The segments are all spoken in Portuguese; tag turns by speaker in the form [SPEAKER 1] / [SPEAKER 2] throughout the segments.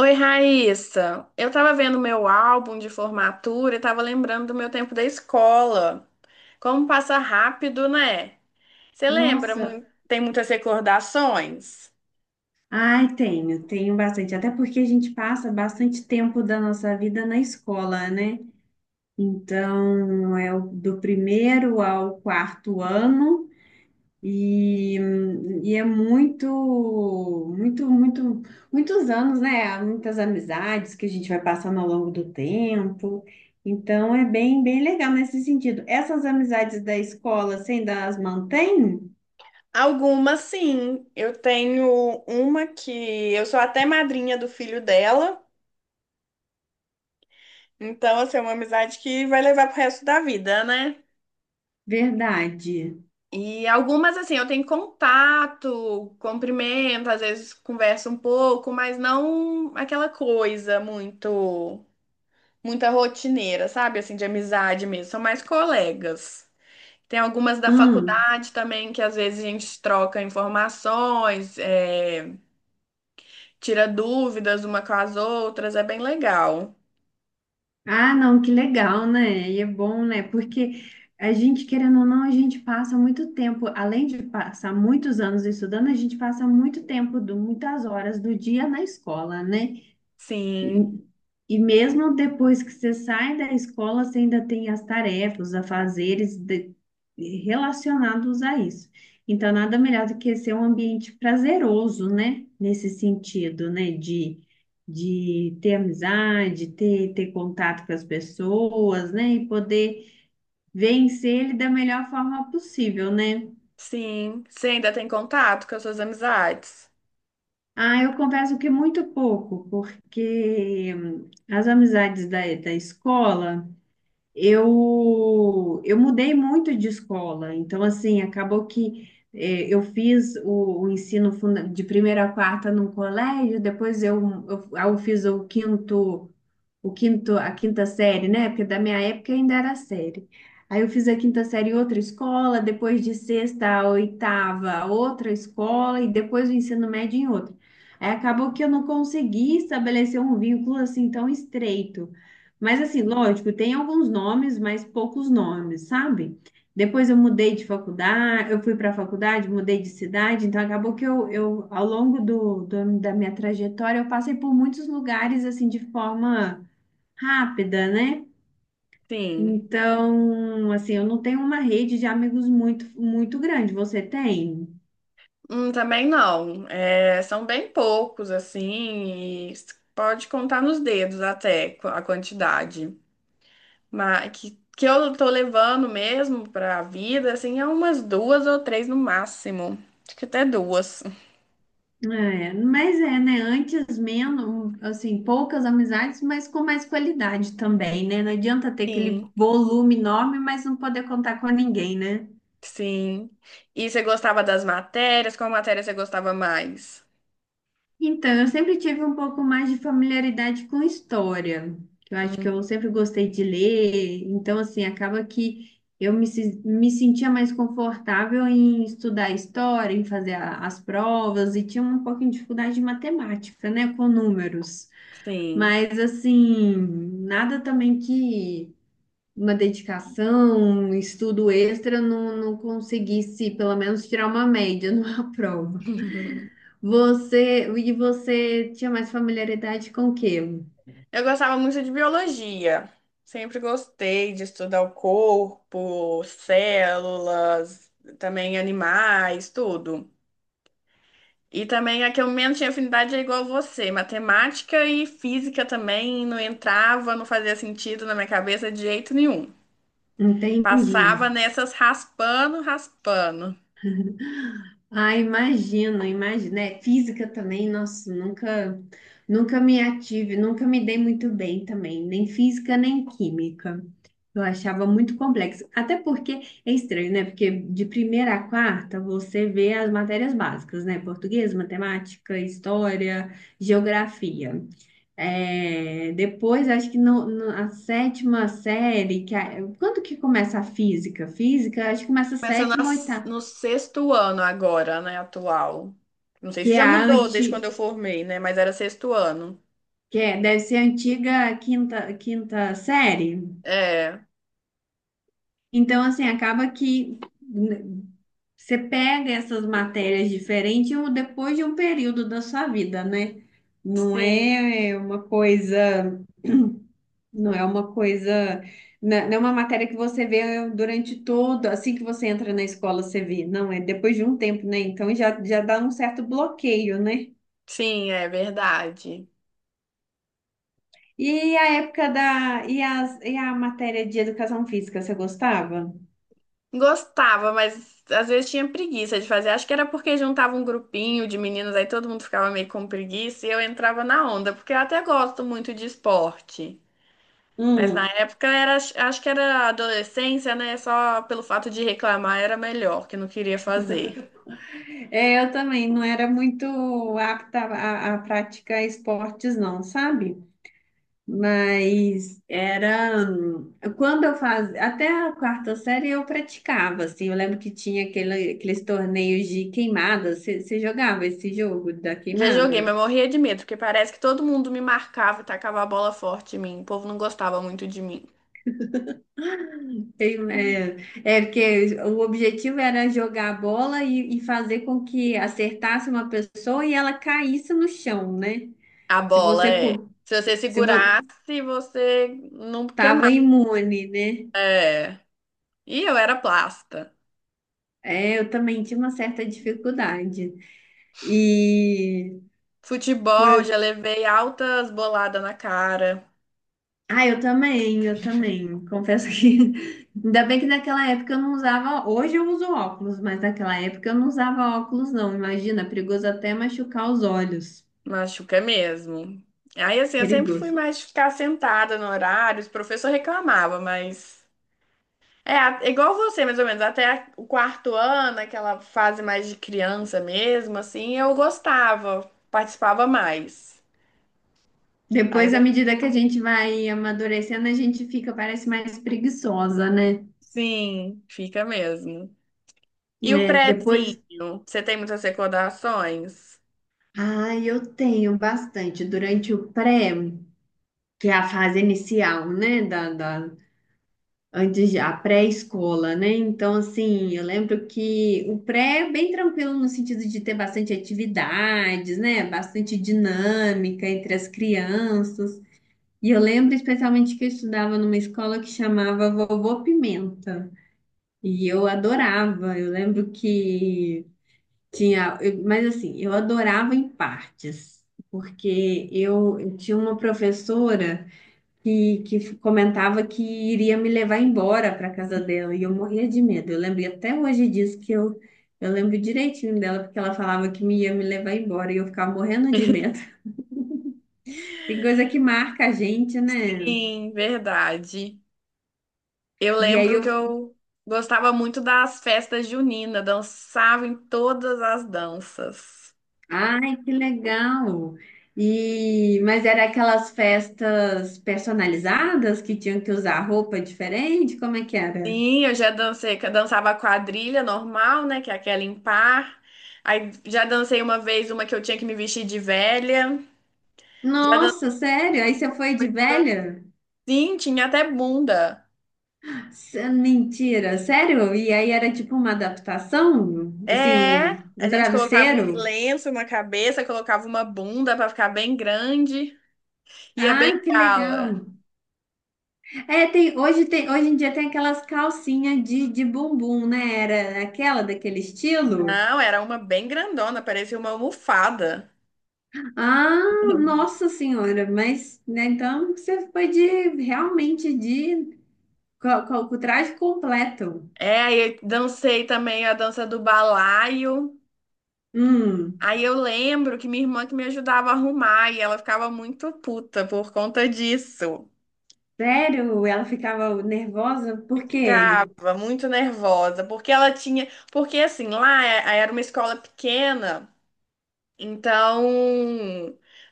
[SPEAKER 1] Oi, Raíssa. Eu tava vendo meu álbum de formatura e tava lembrando do meu tempo da escola. Como passa rápido, né? Você lembra?
[SPEAKER 2] Nossa,
[SPEAKER 1] Tem muitas recordações?
[SPEAKER 2] ai, tenho bastante. Até porque a gente passa bastante tempo da nossa vida na escola, né? Então, do primeiro ao quarto ano e, e é muitos anos, né? Há muitas amizades que a gente vai passando ao longo do tempo. Então, é bem legal nesse sentido. Essas amizades da escola você ainda as mantém?
[SPEAKER 1] Algumas, sim. Eu tenho uma que eu sou até madrinha do filho dela. Então, assim, é uma amizade que vai levar pro resto da vida, né?
[SPEAKER 2] Verdade.
[SPEAKER 1] E algumas, assim, eu tenho contato, cumprimento, às vezes converso um pouco, mas não aquela coisa muito. Muita rotineira, sabe? Assim, de amizade mesmo. São mais colegas. Tem algumas da
[SPEAKER 2] Hum.
[SPEAKER 1] faculdade também que às vezes a gente troca informações, é, tira dúvidas uma com as outras, é bem legal.
[SPEAKER 2] Ah, não, que legal, né? E é bom, né? Porque a gente, querendo ou não, a gente passa muito tempo, além de passar muitos anos estudando, a gente passa muito tempo, muitas horas do dia na escola, né? E,
[SPEAKER 1] Sim,
[SPEAKER 2] e mesmo depois que você sai da escola, você ainda tem as tarefas, relacionados a isso. Então, nada melhor do que ser um ambiente prazeroso, né? Nesse sentido, né? De ter amizade, ter contato com as pessoas, né? E poder vencer ele da melhor forma possível, né?
[SPEAKER 1] sim. Você ainda tem contato com as suas amizades?
[SPEAKER 2] Ah, eu confesso que muito pouco, porque as amizades da escola. Eu mudei muito de escola, então assim, acabou que eu fiz o de primeira a quarta num colégio, depois eu fiz o quinto, a quinta série, né? Porque da minha época ainda era série. Aí eu fiz a quinta série em outra escola, depois de sexta a oitava, outra escola e depois o ensino médio em outra. Aí acabou que eu não consegui estabelecer um vínculo assim tão estreito. Mas assim, lógico, tem alguns nomes, mas poucos nomes, sabe? Depois eu mudei de faculdade, eu fui para a faculdade, mudei de cidade, então acabou que eu ao longo da minha trajetória, eu passei por muitos lugares assim de forma rápida, né?
[SPEAKER 1] Sim.
[SPEAKER 2] Então, assim, eu não tenho uma rede de amigos muito grande. Você tem?
[SPEAKER 1] Também não. É, são bem poucos, assim, e pode contar nos dedos até a quantidade. Mas que eu tô levando mesmo pra vida, assim, é umas duas ou três no máximo. Acho que até duas.
[SPEAKER 2] É, mas é, né? Antes menos, assim, poucas amizades, mas com mais qualidade também, né? Não adianta ter aquele
[SPEAKER 1] Sim.
[SPEAKER 2] volume enorme, mas não poder contar com ninguém, né?
[SPEAKER 1] Sim. E você gostava das matérias? Qual matéria você gostava mais?
[SPEAKER 2] Então, eu sempre tive um pouco mais de familiaridade com história, que eu acho
[SPEAKER 1] Hum,
[SPEAKER 2] que eu sempre gostei de ler, então, assim, acaba que eu me, se- me sentia mais confortável em estudar história, em fazer as provas, e tinha um pouquinho de dificuldade de matemática, né, com números.
[SPEAKER 1] Sim.
[SPEAKER 2] Mas, assim, nada também que uma dedicação, um estudo extra não conseguisse, pelo menos, tirar uma média numa prova. E você tinha mais familiaridade com o quê?
[SPEAKER 1] Eu gostava muito de biologia. Sempre gostei de estudar o corpo, células, também animais, tudo. E também a que eu menos tinha afinidade é igual você. Matemática e física também não entrava, não fazia sentido na minha cabeça de jeito nenhum.
[SPEAKER 2] Entendi.
[SPEAKER 1] Passava nessas raspando, raspando.
[SPEAKER 2] Ah, imagino. É, física também, nossa, nunca me ative, nunca me dei muito bem também, nem física, nem química. Eu achava muito complexo. Até porque é estranho, né? Porque de primeira a quarta você vê as matérias básicas, né? Português, matemática, história, geografia. É, depois, acho que a sétima série, que quando que começa a física? Física, acho que começa a
[SPEAKER 1] Começa
[SPEAKER 2] sétima, oitava,
[SPEAKER 1] no sexto ano agora, né, atual. Não sei se
[SPEAKER 2] que é
[SPEAKER 1] já
[SPEAKER 2] a
[SPEAKER 1] mudou desde quando
[SPEAKER 2] anti,
[SPEAKER 1] eu formei, né? Mas era sexto ano.
[SPEAKER 2] que é, deve ser a antiga quinta, quinta série.
[SPEAKER 1] É,
[SPEAKER 2] Então, assim, acaba que né, você pega essas matérias diferentes depois de um período da sua vida, né? Não
[SPEAKER 1] sim,
[SPEAKER 2] é uma coisa. Não é uma coisa, não é uma matéria que você vê durante todo, assim que você entra na escola, você vê. Não, é depois de um tempo, né? Então já dá um certo bloqueio, né?
[SPEAKER 1] sim, é verdade.
[SPEAKER 2] E a época e e a matéria de educação física, você gostava?
[SPEAKER 1] Gostava, mas às vezes tinha preguiça de fazer. Acho que era porque juntava um grupinho de meninas, aí todo mundo ficava meio com preguiça e eu entrava na onda, porque eu até gosto muito de esporte. Mas na
[SPEAKER 2] Hum,
[SPEAKER 1] época era, acho que era adolescência, né? Só pelo fato de reclamar era melhor, que não queria fazer.
[SPEAKER 2] é, eu também não era muito apta a praticar esportes, não, sabe? Mas era quando eu fazia, até a quarta série eu praticava, assim, eu lembro que tinha aqueles torneios de queimada, você jogava esse jogo da
[SPEAKER 1] Já joguei,
[SPEAKER 2] queimada?
[SPEAKER 1] mas morria de medo, porque parece que todo mundo me marcava e tacava a bola forte em mim. O povo não gostava muito de mim.
[SPEAKER 2] Tem, é, é porque o objetivo era jogar a bola e fazer com que acertasse uma pessoa e ela caísse no chão, né?
[SPEAKER 1] A
[SPEAKER 2] Se
[SPEAKER 1] bola
[SPEAKER 2] você
[SPEAKER 1] é.
[SPEAKER 2] co-
[SPEAKER 1] Se você
[SPEAKER 2] se vo-
[SPEAKER 1] segurasse, você não
[SPEAKER 2] tava
[SPEAKER 1] queimava.
[SPEAKER 2] imune, né?
[SPEAKER 1] É. E eu era plasta.
[SPEAKER 2] É, eu também tinha uma certa dificuldade. E
[SPEAKER 1] Futebol, já levei altas boladas na cara.
[SPEAKER 2] ah, eu também. Confesso que ainda bem que naquela época eu não usava. Hoje eu uso óculos, mas naquela época eu não usava óculos, não. Imagina, perigoso até machucar os olhos.
[SPEAKER 1] Machuca mesmo. Aí, assim, eu sempre fui
[SPEAKER 2] Perigoso.
[SPEAKER 1] mais de ficar sentada no horário. Os professores reclamavam, mas. É, igual você, mais ou menos. Até o quarto ano, aquela fase mais de criança mesmo, assim, eu gostava, participava mais. Aí,
[SPEAKER 2] Depois, à
[SPEAKER 1] depois,
[SPEAKER 2] medida que a gente vai amadurecendo, a gente fica, parece mais preguiçosa, né?
[SPEAKER 1] sim, fica mesmo. E o
[SPEAKER 2] Né, depois.
[SPEAKER 1] prezinho? Você tem muitas recordações?
[SPEAKER 2] Ah, eu tenho bastante durante o pré, que é a fase inicial, né? Antes, a pré-escola, né? Então, assim, eu lembro que o pré é bem tranquilo no sentido de ter bastante atividades, né? Bastante dinâmica entre as crianças. E eu lembro especialmente que eu estudava numa escola que chamava Vovô Pimenta. E eu adorava. Eu lembro que mas, assim, eu adorava em partes, porque eu tinha uma professora que comentava que iria me levar embora para casa dela e eu morria de medo. Eu lembro até hoje disso que eu lembro direitinho dela porque ela falava que me ia me levar embora e eu ficava morrendo de medo. Tem coisa que marca a gente, né?
[SPEAKER 1] Sim, verdade. Eu
[SPEAKER 2] E aí
[SPEAKER 1] lembro
[SPEAKER 2] eu,
[SPEAKER 1] que eu gostava muito das festas juninas, dançava em todas as danças.
[SPEAKER 2] ai, que legal. E mas era aquelas festas personalizadas que tinham que usar roupa diferente, como é que era?
[SPEAKER 1] Sim, eu já dancei, que eu dançava quadrilha normal, né, que é aquela em par. Aí já dancei uma vez uma que eu tinha que me vestir de velha. Já dancei,
[SPEAKER 2] Nossa, sério? Aí você foi de velha?
[SPEAKER 1] sim, tinha até bunda.
[SPEAKER 2] Mentira, sério? E aí era tipo uma adaptação? Assim,
[SPEAKER 1] É, a
[SPEAKER 2] um
[SPEAKER 1] gente colocava uns
[SPEAKER 2] travesseiro?
[SPEAKER 1] lenços na cabeça, colocava uma bunda pra ficar bem grande, ia bem
[SPEAKER 2] Ah, que
[SPEAKER 1] cala.
[SPEAKER 2] legal. É, hoje em dia tem aquelas calcinhas de bumbum, né? Era aquela daquele estilo?
[SPEAKER 1] Não, era uma bem grandona, parecia uma almofada.
[SPEAKER 2] Ah, nossa senhora, mas, né, então você foi de, realmente de, co- co- com o traje completo.
[SPEAKER 1] É, aí eu dancei também a dança do balaio.
[SPEAKER 2] Hum,
[SPEAKER 1] Aí eu lembro que minha irmã que me ajudava a arrumar e ela ficava muito puta por conta disso.
[SPEAKER 2] sério? Ela ficava nervosa? Por quê?
[SPEAKER 1] Ficava muito nervosa, porque ela tinha, porque assim, lá era uma escola pequena, então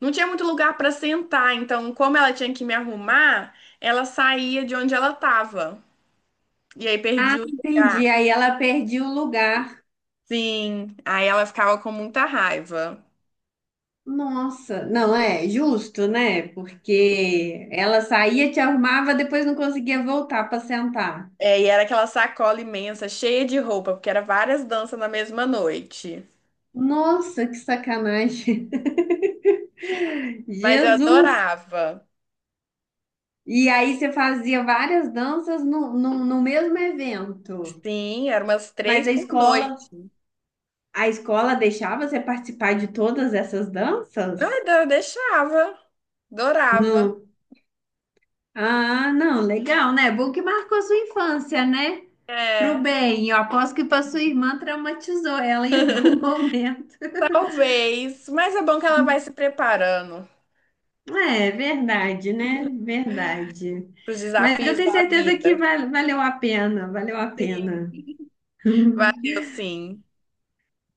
[SPEAKER 1] não tinha muito lugar para sentar, então como ela tinha que me arrumar, ela saía de onde ela tava. E aí perdi
[SPEAKER 2] Ah,
[SPEAKER 1] o,
[SPEAKER 2] entendi. Aí ela perdia o lugar.
[SPEAKER 1] sim, aí ela ficava com muita raiva.
[SPEAKER 2] Nossa, não é justo, né? Porque ela saía, te arrumava, depois não conseguia voltar para sentar.
[SPEAKER 1] É, e era aquela sacola imensa, cheia de roupa, porque era várias danças na mesma noite.
[SPEAKER 2] Nossa, que sacanagem.
[SPEAKER 1] Mas eu
[SPEAKER 2] Jesus!
[SPEAKER 1] adorava.
[SPEAKER 2] E aí você fazia várias danças no mesmo evento.
[SPEAKER 1] Sim, eram umas
[SPEAKER 2] Mas
[SPEAKER 1] três
[SPEAKER 2] a
[SPEAKER 1] por
[SPEAKER 2] escola,
[SPEAKER 1] noite.
[SPEAKER 2] a escola deixava você participar de todas essas
[SPEAKER 1] Não,
[SPEAKER 2] danças?
[SPEAKER 1] eu deixava. Adorava.
[SPEAKER 2] Não. Ah, não, legal, né? Bom que marcou sua infância, né? Pro
[SPEAKER 1] É,
[SPEAKER 2] bem, eu aposto que para sua irmã traumatizou ela em algum momento.
[SPEAKER 1] talvez. Mas é bom que ela vai se preparando
[SPEAKER 2] É, verdade, né? Verdade.
[SPEAKER 1] para os
[SPEAKER 2] Mas eu
[SPEAKER 1] desafios
[SPEAKER 2] tenho
[SPEAKER 1] da
[SPEAKER 2] certeza que
[SPEAKER 1] vida.
[SPEAKER 2] valeu a pena, valeu a
[SPEAKER 1] Sim,
[SPEAKER 2] pena.
[SPEAKER 1] valeu, sim.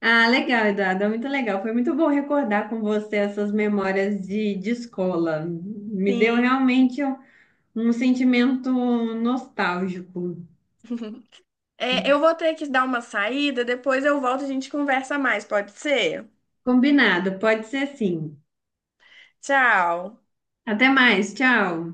[SPEAKER 2] Ah, legal, Eduardo, muito legal. Foi muito bom recordar com você essas memórias de escola. Me deu
[SPEAKER 1] Sim.
[SPEAKER 2] realmente um um sentimento nostálgico.
[SPEAKER 1] É, eu vou ter que dar uma saída, depois eu volto e a gente conversa mais, pode ser?
[SPEAKER 2] Combinado, pode ser sim.
[SPEAKER 1] Tchau.
[SPEAKER 2] Até mais, tchau.